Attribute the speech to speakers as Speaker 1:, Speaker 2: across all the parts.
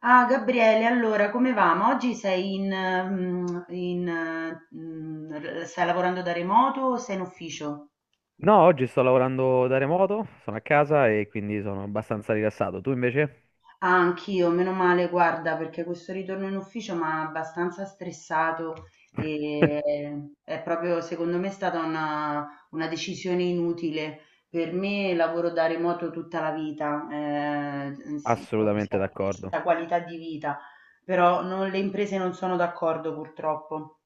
Speaker 1: Ah, Gabriele, allora come va? Ma oggi sei in, in, mm, r- stai lavorando da remoto o sei in ufficio?
Speaker 2: No, oggi sto lavorando da remoto, sono a casa e quindi sono abbastanza rilassato. Tu invece?
Speaker 1: Ah, anch'io, meno male, guarda, perché questo ritorno in ufficio mi ha abbastanza stressato e è proprio, secondo me, è stata una decisione inutile. Per me lavoro da remoto tutta la vita, si, proprio si
Speaker 2: Assolutamente d'accordo.
Speaker 1: acquista qualità di vita, però le imprese non sono d'accordo, purtroppo.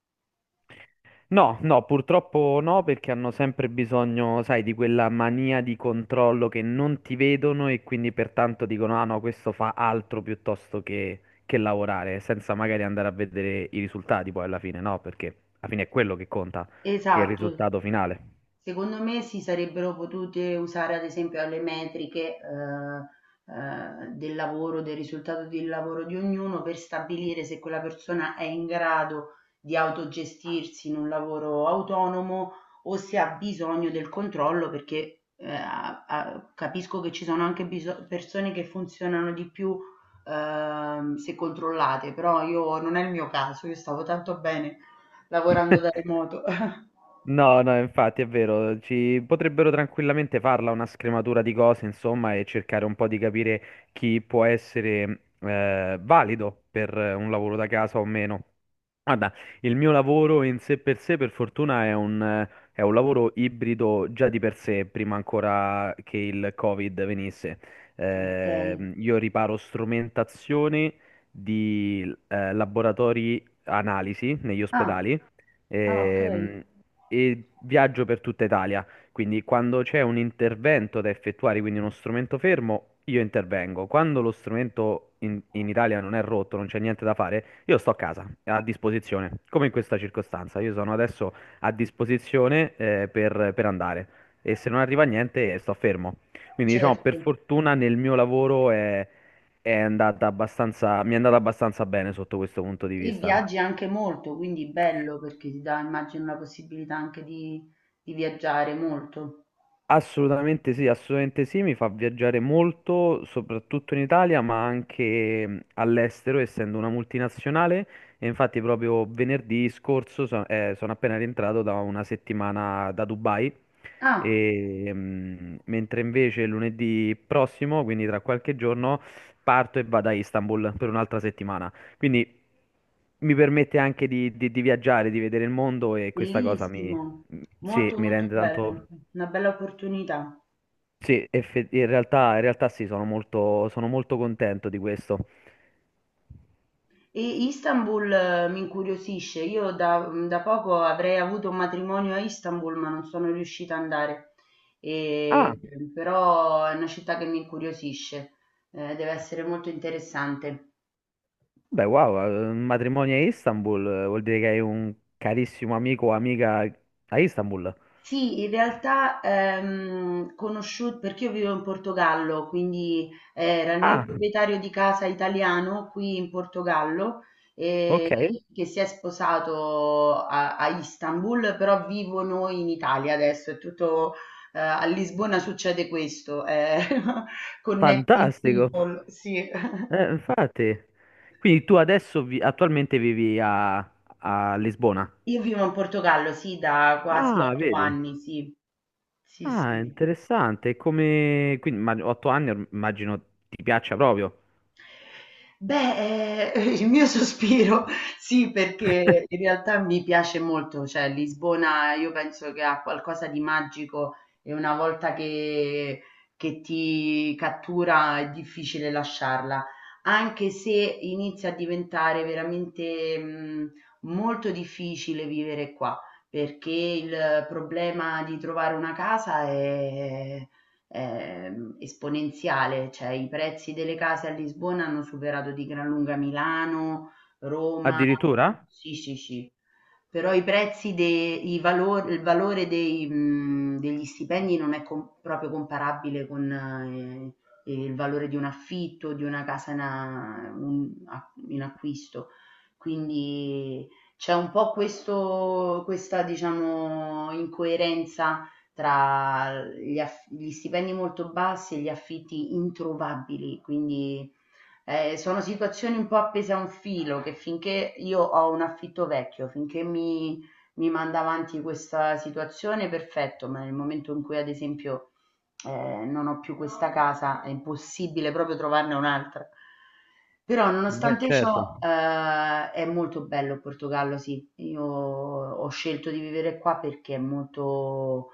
Speaker 2: No, no, purtroppo no, perché hanno sempre bisogno, sai, di quella mania di controllo che non ti vedono e quindi pertanto dicono, ah no, questo fa altro piuttosto che lavorare, senza magari andare a vedere i risultati poi alla fine, no, perché alla fine è quello che conta, il
Speaker 1: Esatto.
Speaker 2: risultato finale.
Speaker 1: Secondo me si sarebbero potute usare ad esempio alle metriche, del lavoro, del risultato del lavoro di ognuno per stabilire se quella persona è in grado di autogestirsi in un lavoro autonomo o se ha bisogno del controllo perché capisco che ci sono anche persone che funzionano di più, se controllate, però io non è il mio caso, io stavo tanto bene lavorando da remoto.
Speaker 2: No, no, infatti è vero, ci potrebbero tranquillamente farla una scrematura di cose, insomma, e cercare un po' di capire chi può essere valido per un lavoro da casa o meno. Guarda, il mio lavoro in sé, per fortuna, è un lavoro ibrido già di per sé, prima ancora che il Covid venisse.
Speaker 1: Ok.
Speaker 2: Io riparo strumentazioni di laboratori analisi negli
Speaker 1: Ah.
Speaker 2: ospedali
Speaker 1: Ah, okay,
Speaker 2: ehm, e viaggio per tutta Italia. Quindi quando c'è un intervento da effettuare, quindi uno strumento fermo, io intervengo. Quando lo strumento in Italia non è rotto, non c'è niente da fare, io sto a casa, a disposizione, come in questa circostanza. Io sono adesso a disposizione, per andare e se non arriva niente, sto fermo. Quindi diciamo, per
Speaker 1: certo.
Speaker 2: fortuna nel mio lavoro mi è andata abbastanza bene sotto questo punto di
Speaker 1: E
Speaker 2: vista.
Speaker 1: viaggi anche molto, quindi bello perché ti dà, immagino, la possibilità anche di viaggiare molto.
Speaker 2: Assolutamente sì, mi fa viaggiare molto, soprattutto in Italia, ma anche all'estero, essendo una multinazionale. E infatti proprio venerdì scorso sono appena rientrato da una settimana da Dubai,
Speaker 1: Ah,
Speaker 2: e, mentre invece lunedì prossimo, quindi tra qualche giorno, parto e vado a Istanbul per un'altra settimana. Quindi mi permette anche di viaggiare, di vedere il mondo e questa cosa mi,
Speaker 1: bellissimo,
Speaker 2: sì,
Speaker 1: molto
Speaker 2: mi
Speaker 1: molto
Speaker 2: rende tanto.
Speaker 1: bello, una bella opportunità.
Speaker 2: Sì, in realtà sì, sono molto contento di questo.
Speaker 1: E Istanbul mi incuriosisce, io da poco avrei avuto un matrimonio a Istanbul, ma non sono riuscita ad andare.
Speaker 2: Ah,
Speaker 1: E- Però è una città che mi incuriosisce. Deve essere molto interessante.
Speaker 2: beh, wow, un matrimonio a Istanbul vuol dire che hai un carissimo amico o amica a Istanbul.
Speaker 1: Sì, in realtà, conosciu perché io vivo in Portogallo, quindi era il mio
Speaker 2: Ah,
Speaker 1: proprietario di casa italiano qui in Portogallo, eh,
Speaker 2: ok,
Speaker 1: che si è sposato a Istanbul, però vivo noi in Italia adesso, è tutto, a Lisbona succede questo, connecting
Speaker 2: fantastico.
Speaker 1: people, sì.
Speaker 2: Infatti, quindi tu adesso attualmente vivi a Lisbona.
Speaker 1: Io vivo in Portogallo, sì, da quasi
Speaker 2: Ah,
Speaker 1: otto
Speaker 2: vedi.
Speaker 1: anni, sì, sì,
Speaker 2: Ah,
Speaker 1: sì.
Speaker 2: interessante. Quindi, ma, 8 anni immagino ti piaccia proprio.
Speaker 1: Beh, il mio sospiro sì, perché in realtà mi piace molto, cioè Lisbona io penso che ha qualcosa di magico e una volta che ti cattura è difficile lasciarla, anche se inizia a diventare veramente molto difficile vivere qua, perché il problema di trovare una casa è esponenziale, cioè i prezzi delle case a Lisbona hanno superato di gran lunga Milano, Roma.
Speaker 2: Addirittura?
Speaker 1: Sì, sì, sì. Però i prezzi, il valore degli stipendi non è proprio comparabile con il valore di un affitto, di una casa in acquisto. Quindi c'è un po' questa, diciamo, incoerenza tra gli stipendi molto bassi e gli affitti introvabili, quindi sono situazioni un po' appese a un filo che finché io ho un affitto vecchio, finché mi manda avanti questa situazione, perfetto, ma nel momento in cui ad esempio non ho più questa casa, è impossibile proprio trovarne un'altra. Però
Speaker 2: Beh,
Speaker 1: nonostante
Speaker 2: certo.
Speaker 1: ciò, è molto bello il Portogallo, sì. Io ho scelto di vivere qua perché è molto.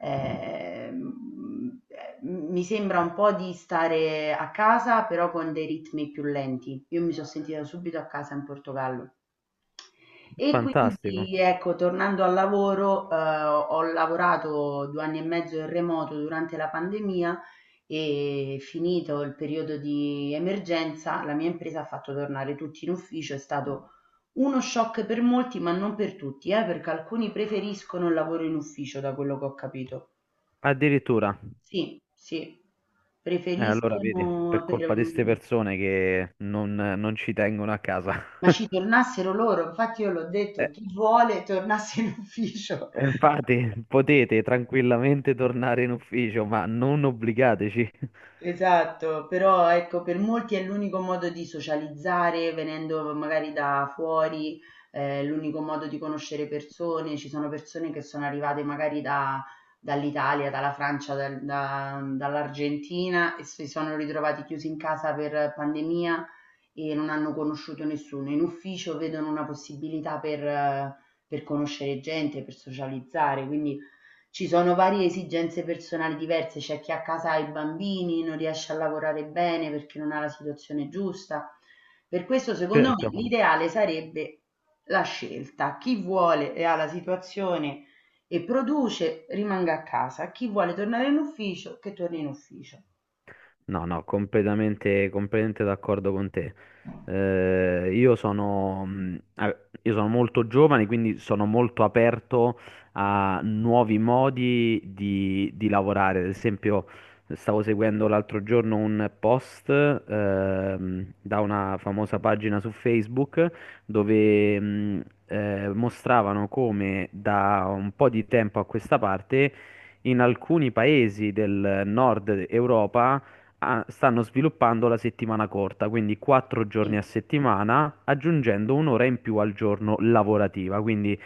Speaker 1: Ehm, Mi sembra un po' di stare a casa, però con dei ritmi più lenti. Io mi sono sentita subito a casa in Portogallo. E
Speaker 2: Fantastico.
Speaker 1: quindi, ecco, tornando al lavoro, ho lavorato 2 anni e mezzo in remoto durante la pandemia e finito il periodo di emergenza, la mia impresa ha fatto tornare tutti in ufficio. È stato uno shock per molti, ma non per tutti, perché alcuni preferiscono il lavoro in ufficio, da quello che ho capito.
Speaker 2: Addirittura.
Speaker 1: Sì, sì,
Speaker 2: Allora vedi, per
Speaker 1: preferiscono per
Speaker 2: colpa di queste
Speaker 1: mhmm,
Speaker 2: persone che non ci tengono a casa.
Speaker 1: ma ci tornassero loro, infatti io l'ho
Speaker 2: Eh,
Speaker 1: detto: "Chi vuole tornasse in ufficio".
Speaker 2: Infatti, potete tranquillamente tornare in ufficio, ma non obbligateci.
Speaker 1: Esatto, però ecco, per molti è l'unico modo di socializzare, venendo magari da fuori, l'unico modo di conoscere persone. Ci sono persone che sono arrivate magari dall'Italia, dalla Francia, dall'Argentina e si sono ritrovati chiusi in casa per pandemia e non hanno conosciuto nessuno. In ufficio vedono una possibilità per conoscere gente, per socializzare, quindi ci sono varie esigenze personali diverse, c'è chi a casa ha i bambini, non riesce a lavorare bene perché non ha la situazione giusta. Per questo, secondo me,
Speaker 2: Certo.
Speaker 1: l'ideale sarebbe la scelta. Chi vuole e ha la situazione e produce, rimanga a casa. Chi vuole tornare in ufficio, che torni in ufficio.
Speaker 2: No, no, completamente d'accordo con te. Io sono molto giovane, quindi sono molto aperto a nuovi modi di lavorare. Ad esempio, stavo seguendo l'altro giorno un post, da una famosa pagina su Facebook dove, mostravano come da un po' di tempo a questa parte in alcuni paesi del nord Europa stanno sviluppando la settimana corta, quindi quattro giorni
Speaker 1: Sì.
Speaker 2: a settimana, aggiungendo un'ora in più al giorno lavorativa. Quindi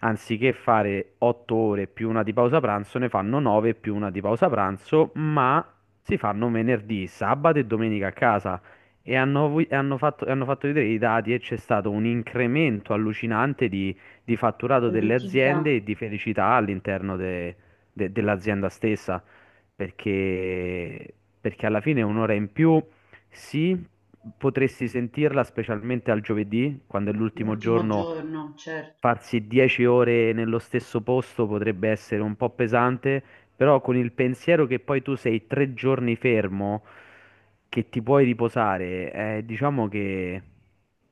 Speaker 2: anziché fare 8 ore più una di pausa pranzo, ne fanno nove più una di pausa pranzo, ma si fanno venerdì, sabato e domenica a casa. Hanno fatto vedere i dati e c'è stato un incremento allucinante di fatturato delle
Speaker 1: Produttività.
Speaker 2: aziende e di felicità all'interno dell'azienda stessa perché, perché, alla fine un'ora in più, sì, potresti sentirla specialmente al giovedì, quando è l'ultimo
Speaker 1: L'ultimo
Speaker 2: giorno,
Speaker 1: giorno, certo.
Speaker 2: farsi 10 ore nello stesso posto potrebbe essere un po' pesante, però con il pensiero che poi tu sei 3 giorni fermo, che ti puoi riposare, diciamo che,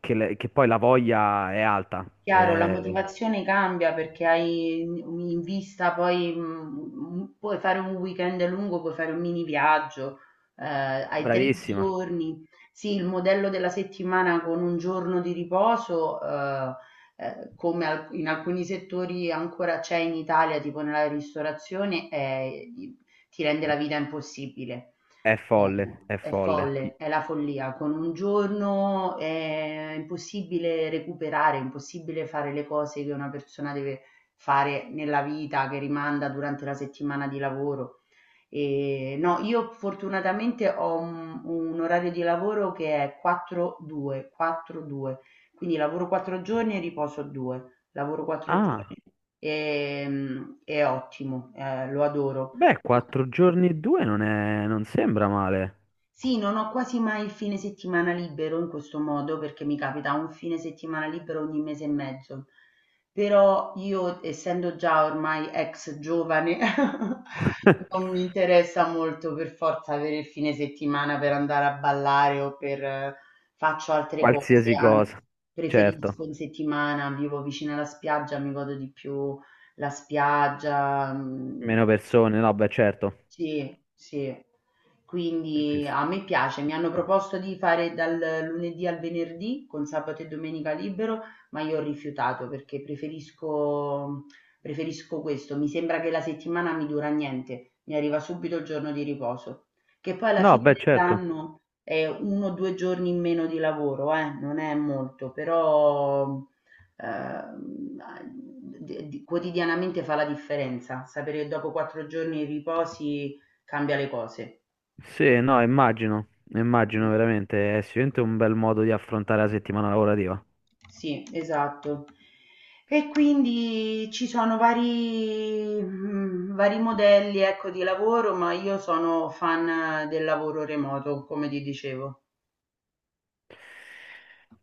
Speaker 2: che le- che poi la voglia è alta.
Speaker 1: Chiaro, la motivazione cambia perché hai in vista poi, puoi fare un weekend lungo, puoi fare un mini viaggio, hai 3
Speaker 2: Bravissima,
Speaker 1: giorni. Sì, il modello della settimana con un giorno di riposo, come al in alcuni settori ancora c'è in Italia, tipo nella ristorazione, i ti rende la vita impossibile.
Speaker 2: è folle, è
Speaker 1: È
Speaker 2: folle.
Speaker 1: folle, è la follia. Con un giorno è impossibile recuperare, è impossibile fare le cose che una persona deve fare nella vita, che rimanda durante la settimana di lavoro. E, no, io fortunatamente ho un orario di lavoro che è 4-2, 4-2, quindi lavoro 4 giorni e riposo 2, lavoro 4
Speaker 2: Ah.
Speaker 1: giorni e, è ottimo, lo adoro.
Speaker 2: Beh, 4 giorni e due non sembra male.
Speaker 1: Sì, non ho quasi mai il fine settimana libero in questo modo, perché mi capita un fine settimana libero ogni mese e mezzo. Però io, essendo già ormai ex giovane, non mi interessa molto per forza avere il fine settimana per andare a ballare o per faccio altre cose,
Speaker 2: Qualsiasi
Speaker 1: anzi,
Speaker 2: cosa. Certo.
Speaker 1: preferisco in settimana, vivo vicino alla spiaggia, mi godo di più la spiaggia. Mm,
Speaker 2: Meno persone, no, beh, certo.
Speaker 1: sì, sì.
Speaker 2: E
Speaker 1: Quindi
Speaker 2: questo-
Speaker 1: a me piace, mi hanno proposto di fare dal lunedì al venerdì con sabato e domenica libero, ma io ho rifiutato perché preferisco, preferisco questo. Mi sembra che la settimana mi dura niente, mi arriva subito il giorno di riposo, che poi alla
Speaker 2: No,
Speaker 1: fine
Speaker 2: beh, certo.
Speaker 1: dell'anno è 1 o 2 giorni in meno di lavoro, non è molto, però quotidianamente fa la differenza, sapere che dopo 4 giorni di riposi cambia le cose.
Speaker 2: Sì, no, immagino. Immagino
Speaker 1: Sì.
Speaker 2: veramente. È sicuramente un bel modo di affrontare la settimana lavorativa.
Speaker 1: Sì, esatto. E quindi ci sono vari modelli, ecco, di lavoro, ma io sono fan del lavoro remoto, come ti dicevo.